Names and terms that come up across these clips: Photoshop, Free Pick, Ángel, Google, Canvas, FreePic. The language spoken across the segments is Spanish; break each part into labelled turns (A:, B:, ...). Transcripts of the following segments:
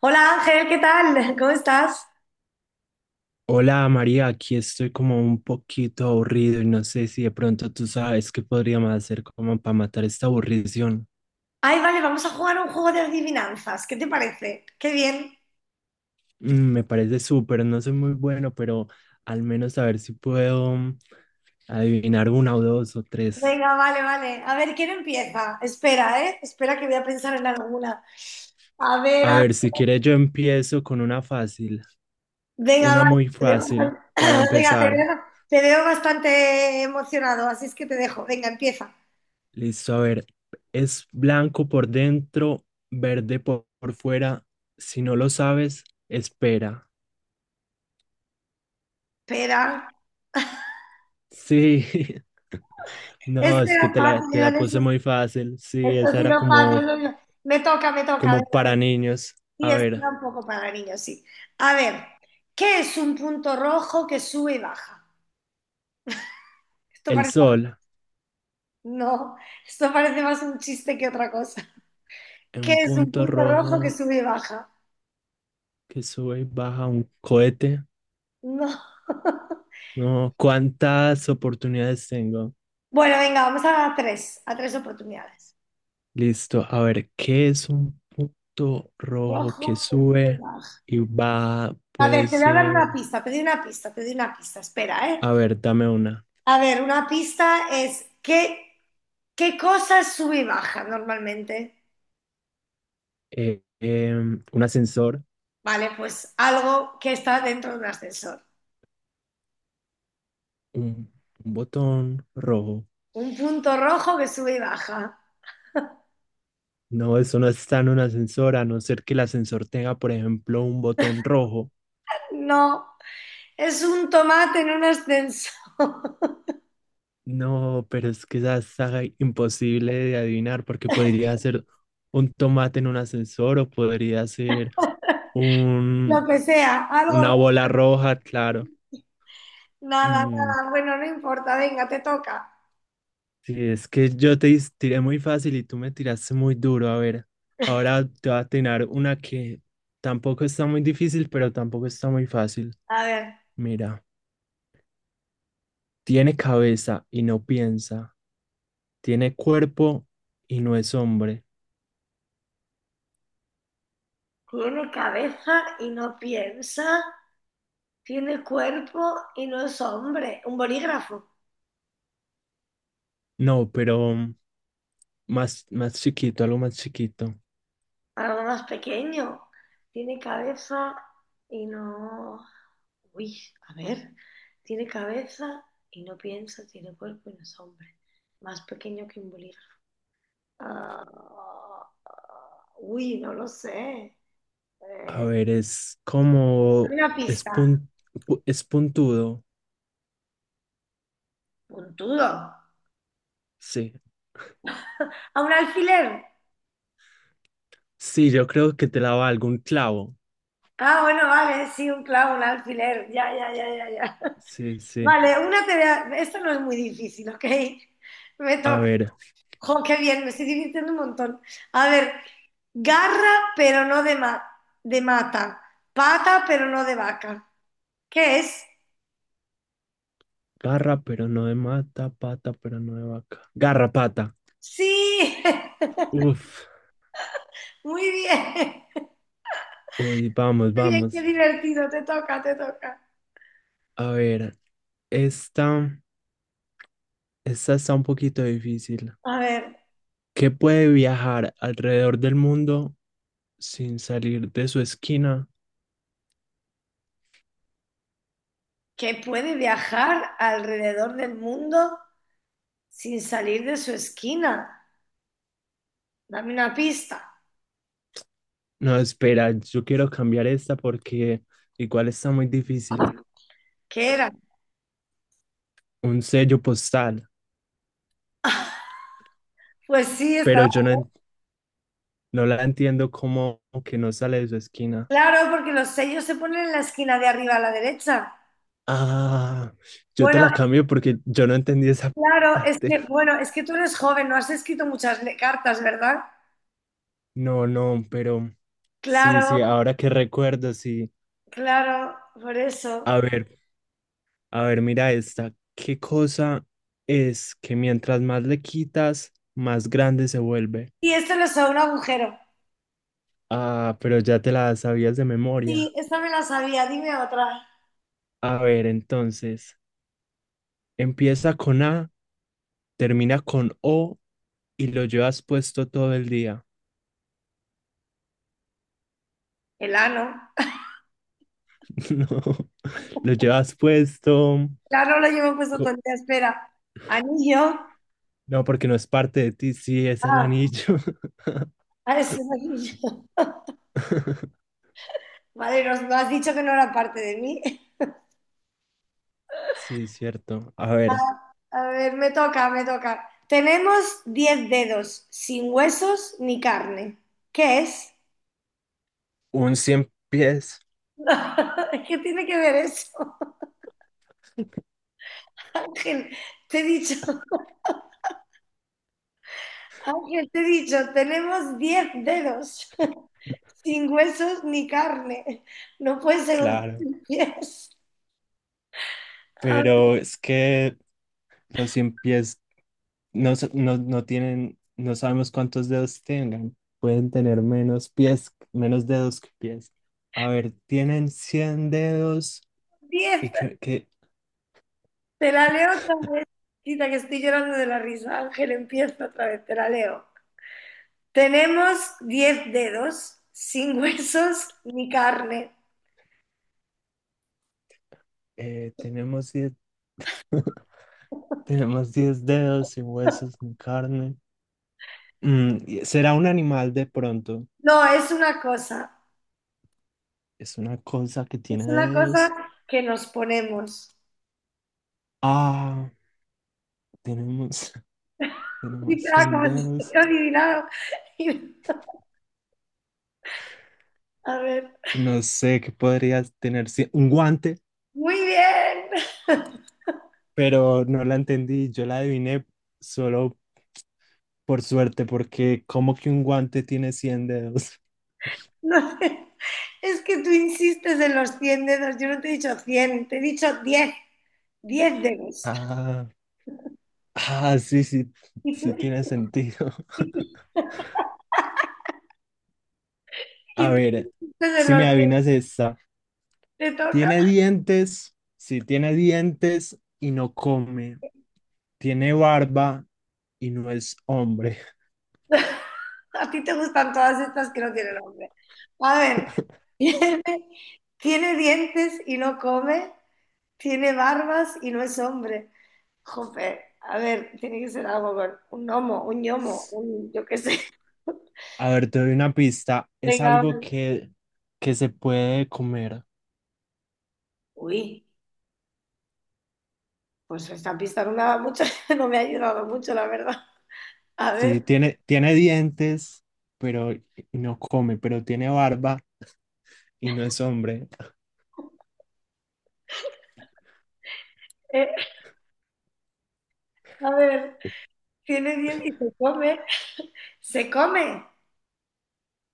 A: Hola Ángel, ¿qué tal? ¿Cómo estás?
B: Hola María, aquí estoy como un poquito aburrido y no sé si de pronto tú sabes qué podríamos hacer como para matar esta aburrición.
A: Ay, vale, vamos a jugar un juego de adivinanzas. ¿Qué te parece? Qué bien.
B: Me parece súper, no soy muy bueno, pero al menos a ver si puedo adivinar una o dos o tres.
A: Venga, vale. A ver, ¿quién empieza? Espera, ¿eh? Espera que voy a pensar en alguna. A ver,
B: A ver, si quieres yo empiezo con una fácil,
A: venga,
B: una
A: vale.
B: muy
A: Te veo
B: fácil
A: bastante...
B: para
A: Venga,
B: empezar.
A: te veo bastante emocionado, así es que te dejo. Venga, empieza.
B: Listo, a ver, es blanco por dentro, verde por fuera. Si no lo sabes, espera.
A: Espera.
B: Sí, no,
A: Este
B: es que
A: era fácil,
B: te la puse muy fácil. Sí,
A: esto ha
B: esa era
A: sido fácil.
B: como,
A: Venga. Me toca.
B: como
A: Venga.
B: para niños.
A: Sí,
B: A
A: es
B: ver,
A: un poco para niños, sí. A ver, ¿qué es un punto rojo que sube y baja? Esto
B: el
A: parece,
B: sol,
A: no, esto parece más un chiste que otra cosa.
B: un
A: ¿Qué es un
B: punto
A: punto rojo que
B: rojo
A: sube y baja?
B: que sube y baja un cohete.
A: No.
B: No, ¿cuántas oportunidades tengo?
A: Bueno, venga, a tres oportunidades.
B: Listo, a ver, ¿qué es un punto rojo que
A: Rojo que sube y
B: sube
A: baja.
B: y va?
A: A
B: Puede
A: ver, te voy a dar
B: ser,
A: una pista, te doy una pista, espera, ¿eh?
B: a ver, dame una.
A: A ver, una pista es qué, qué cosa sube y baja normalmente.
B: Un ascensor,
A: Vale, pues algo que está dentro de un ascensor.
B: un botón rojo.
A: Un punto rojo que sube y baja.
B: No, eso no está en un ascensor, a no ser que el ascensor tenga, por ejemplo, un botón rojo.
A: No, es un tomate en un ascensor.
B: No, pero es que esa está imposible de adivinar porque podría ser un tomate en un ascensor o podría ser
A: Lo
B: un,
A: que sea, algo
B: una
A: rojo.
B: bola roja, claro.
A: Nada,
B: Mm,
A: nada, bueno, no importa, venga, te toca.
B: sí, es que yo tiré muy fácil y tú me tiraste muy duro. A ver, ahora te voy a tirar una que tampoco está muy difícil, pero tampoco está muy fácil.
A: A ver,
B: Mira, tiene cabeza y no piensa. Tiene cuerpo y no es hombre.
A: tiene cabeza y no piensa, tiene cuerpo y no es hombre. Un bolígrafo,
B: No, pero más, más chiquito, algo más chiquito.
A: algo más pequeño. Tiene cabeza y no... Uy, a ver, tiene cabeza y no piensa, tiene cuerpo y no es hombre. Más pequeño que un bolígrafo. Ah, uy, no lo sé.
B: A
A: Eh,
B: ver, es como...
A: una
B: Es,
A: pista.
B: pun- es puntudo.
A: Puntudo.
B: Sí.
A: A un alfiler.
B: Sí, yo creo que te la valgo un clavo.
A: Ah, bueno, vale, sí, un clavo, un alfiler. Ya.
B: Sí, sí.
A: Vale, una te esto no es muy difícil, ¿ok? Me
B: A
A: toca.
B: ver,
A: Jo, qué bien, me estoy divirtiendo un montón. A ver, garra, pero no de, ma- de mata. Pata, pero no de vaca. ¿Qué es?
B: garra, pero no de mata, pata, pero no de vaca. Garrapata.
A: Sí,
B: Uf.
A: muy bien.
B: Uy, vamos,
A: Qué bien, qué
B: vamos.
A: divertido. Te toca.
B: A ver, esta, esta está un poquito difícil.
A: A ver,
B: ¿Qué puede viajar alrededor del mundo sin salir de su esquina?
A: que puede viajar alrededor del mundo sin salir de su esquina. Dame una pista.
B: No, espera, yo quiero cambiar esta porque igual está muy difícil.
A: ¿Qué era?
B: Un sello postal,
A: Pues sí, estaba
B: pero yo no la entiendo como que no sale de su esquina.
A: claro, porque los sellos se ponen en la esquina de arriba a la derecha.
B: Ah, yo te
A: Bueno,
B: la cambio porque yo no entendí esa parte.
A: bueno, es que tú eres joven, no has escrito cartas, ¿verdad?
B: No, no, pero sí,
A: Claro,
B: sí, ahora que recuerdo, sí.
A: claro, por eso.
B: A ver, a ver, mira esta. ¿Qué cosa es que mientras más le quitas, más grande se vuelve?
A: Y esto lo sabe un agujero.
B: Ah, pero ya te la sabías de
A: Sí,
B: memoria.
A: esta me la sabía, dime otra.
B: A ver, entonces, empieza con A, termina con O y lo llevas puesto todo el día.
A: El ano.
B: No, lo llevas puesto.
A: El ano lo llevo puesto todo
B: co-
A: el día, espera. Anillo.
B: No, porque no es parte de ti. Sí, es el
A: Ah,
B: anillo.
A: es un anillo. Vale, no has dicho que no era parte de mí.
B: Sí, cierto. A ver,
A: A ver, me toca. Tenemos 10 dedos, sin huesos ni carne. ¿Qué es?
B: un cien pies.
A: ¿Qué tiene que ver eso? Ángel, te he dicho, Ángel, te he dicho, tenemos 10 dedos, sin huesos ni carne. No puede ser un
B: Claro,
A: 10. A ver,
B: pero es que los cien pies no tienen, no sabemos cuántos dedos tengan. Pueden tener menos pies, menos dedos que pies. A ver, tienen 100 dedos
A: diez.
B: y que, que,
A: Te la leo otra vez. Quita que estoy llorando de la risa. Ángel, empieza otra vez, te la leo. Tenemos 10 dedos, sin huesos ni carne.
B: tenemos 10 tenemos 10 dedos sin huesos ni carne. ¿Será un animal de pronto?
A: No,
B: Es una cosa que tiene
A: es una cosa
B: dedos.
A: que nos ponemos.
B: Ah, tenemos,
A: Y
B: tenemos
A: claro,
B: 100
A: como si
B: dedos.
A: estuviera adivinado. Y- a ver,
B: No sé qué podría tener cien, un guante,
A: muy bien.
B: pero no la entendí. Yo la adiviné solo por suerte, porque como que un guante tiene 100 dedos.
A: No sé, es que tú insistes en los 100 dedos. Yo no te he dicho 100. Te he dicho 10, 10 dedos.
B: Ah, ah, sí, sí,
A: Y tú,
B: sí tiene sentido. A
A: y tú
B: ver,
A: insistes en
B: si me
A: los diez.
B: adivinas esta.
A: Te toca.
B: Tiene dientes, sí tiene dientes y no come. Tiene barba y no es hombre.
A: A ti te gustan todas estas que no tienen nombre. A ver, tiene, tiene dientes y no come, tiene barbas y no es hombre. Jope, a ver, tiene que ser algo con un gnomo, un yo qué sé.
B: A ver, te doy una pista. Es
A: Venga,
B: algo
A: vale.
B: que se puede comer.
A: Uy, pues esta pista no me ha dado mucho, no me ha ayudado mucho, la verdad. A
B: Sí,
A: ver,
B: tiene, tiene dientes, pero y no come, pero tiene barba y no es hombre.
A: eh, a ver, tiene diez y se come.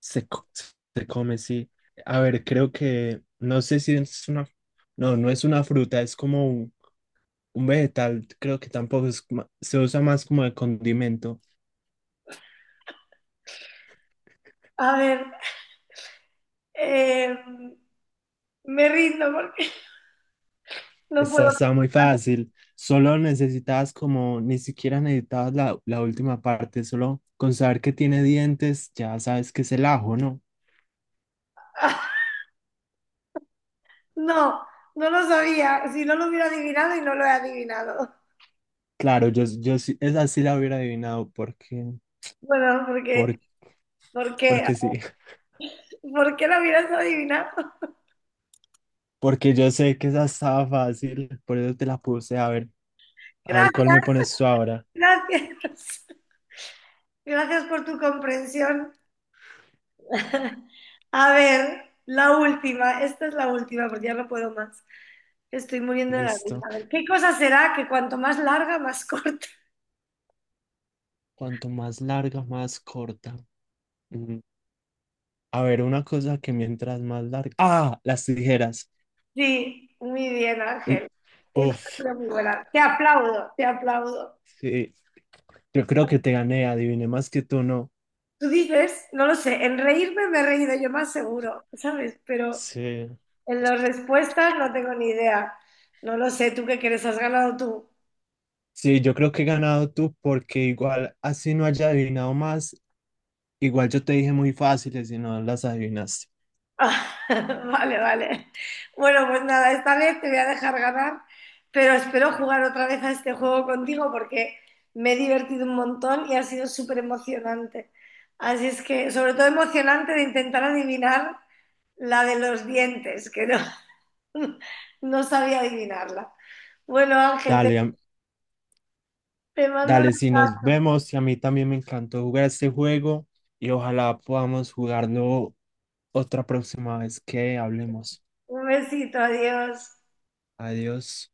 B: Se, co- Se come, sí. A ver, creo que, no sé si es una, no, no es una fruta, es como un vegetal, creo que tampoco se usa más como de condimento.
A: A ver, eh, me rindo porque no puedo.
B: Esta está muy fácil, solo necesitas como, ni siquiera necesitabas la última parte, solo con saber que tiene dientes, ya sabes que es el ajo, ¿no?
A: No, no lo sabía. Si no lo hubiera adivinado y no lo he adivinado.
B: Claro, yo sí, esa sí la hubiera adivinado, porque,
A: Bueno, porque,
B: por-
A: ¿Por qué,
B: porque sí,
A: porque lo hubieras adivinado.
B: porque yo sé que esa estaba fácil, por eso te la puse, a ver. A ver, ¿cuál
A: Gracias,
B: me pones tú ahora?
A: gracias. Gracias por tu comprensión. A ver, la última. Esta es la última porque ya no puedo más. Estoy muriendo de la risa.
B: Listo.
A: A ver, ¿qué cosa será que cuanto más larga, más corta?
B: Cuanto más larga, más corta. Mm, a ver, una cosa que mientras más larga. Ah, las tijeras.
A: Sí, muy bien,
B: Mm,
A: Ángel. Esta es
B: uf,
A: una muy buena. Te aplaudo.
B: sí. Yo creo que te gané, adiviné más que tú, ¿no?
A: Tú dices, no lo sé, en reírme me he reído yo más seguro, ¿sabes? Pero
B: Sí.
A: en las respuestas no tengo ni idea. No lo sé, ¿tú qué crees? ¿Has ganado tú?
B: Sí, yo creo que he ganado tú porque igual así no haya adivinado más, igual yo te dije muy fáciles y no las adivinaste.
A: Ah, Vale. Bueno, pues nada, esta vez te voy a dejar ganar, pero espero jugar otra vez a este juego contigo porque me he divertido un montón y ha sido súper emocionante. Así es que, sobre todo emocionante de intentar adivinar la de los dientes, que no, no sabía adivinarla. Bueno, Ángel,
B: Dale, am-
A: te mando una-
B: Dale, si nos vemos y a mí también me encantó jugar este juego y ojalá podamos jugarlo otra próxima vez que hablemos.
A: un besito, adiós.
B: Adiós.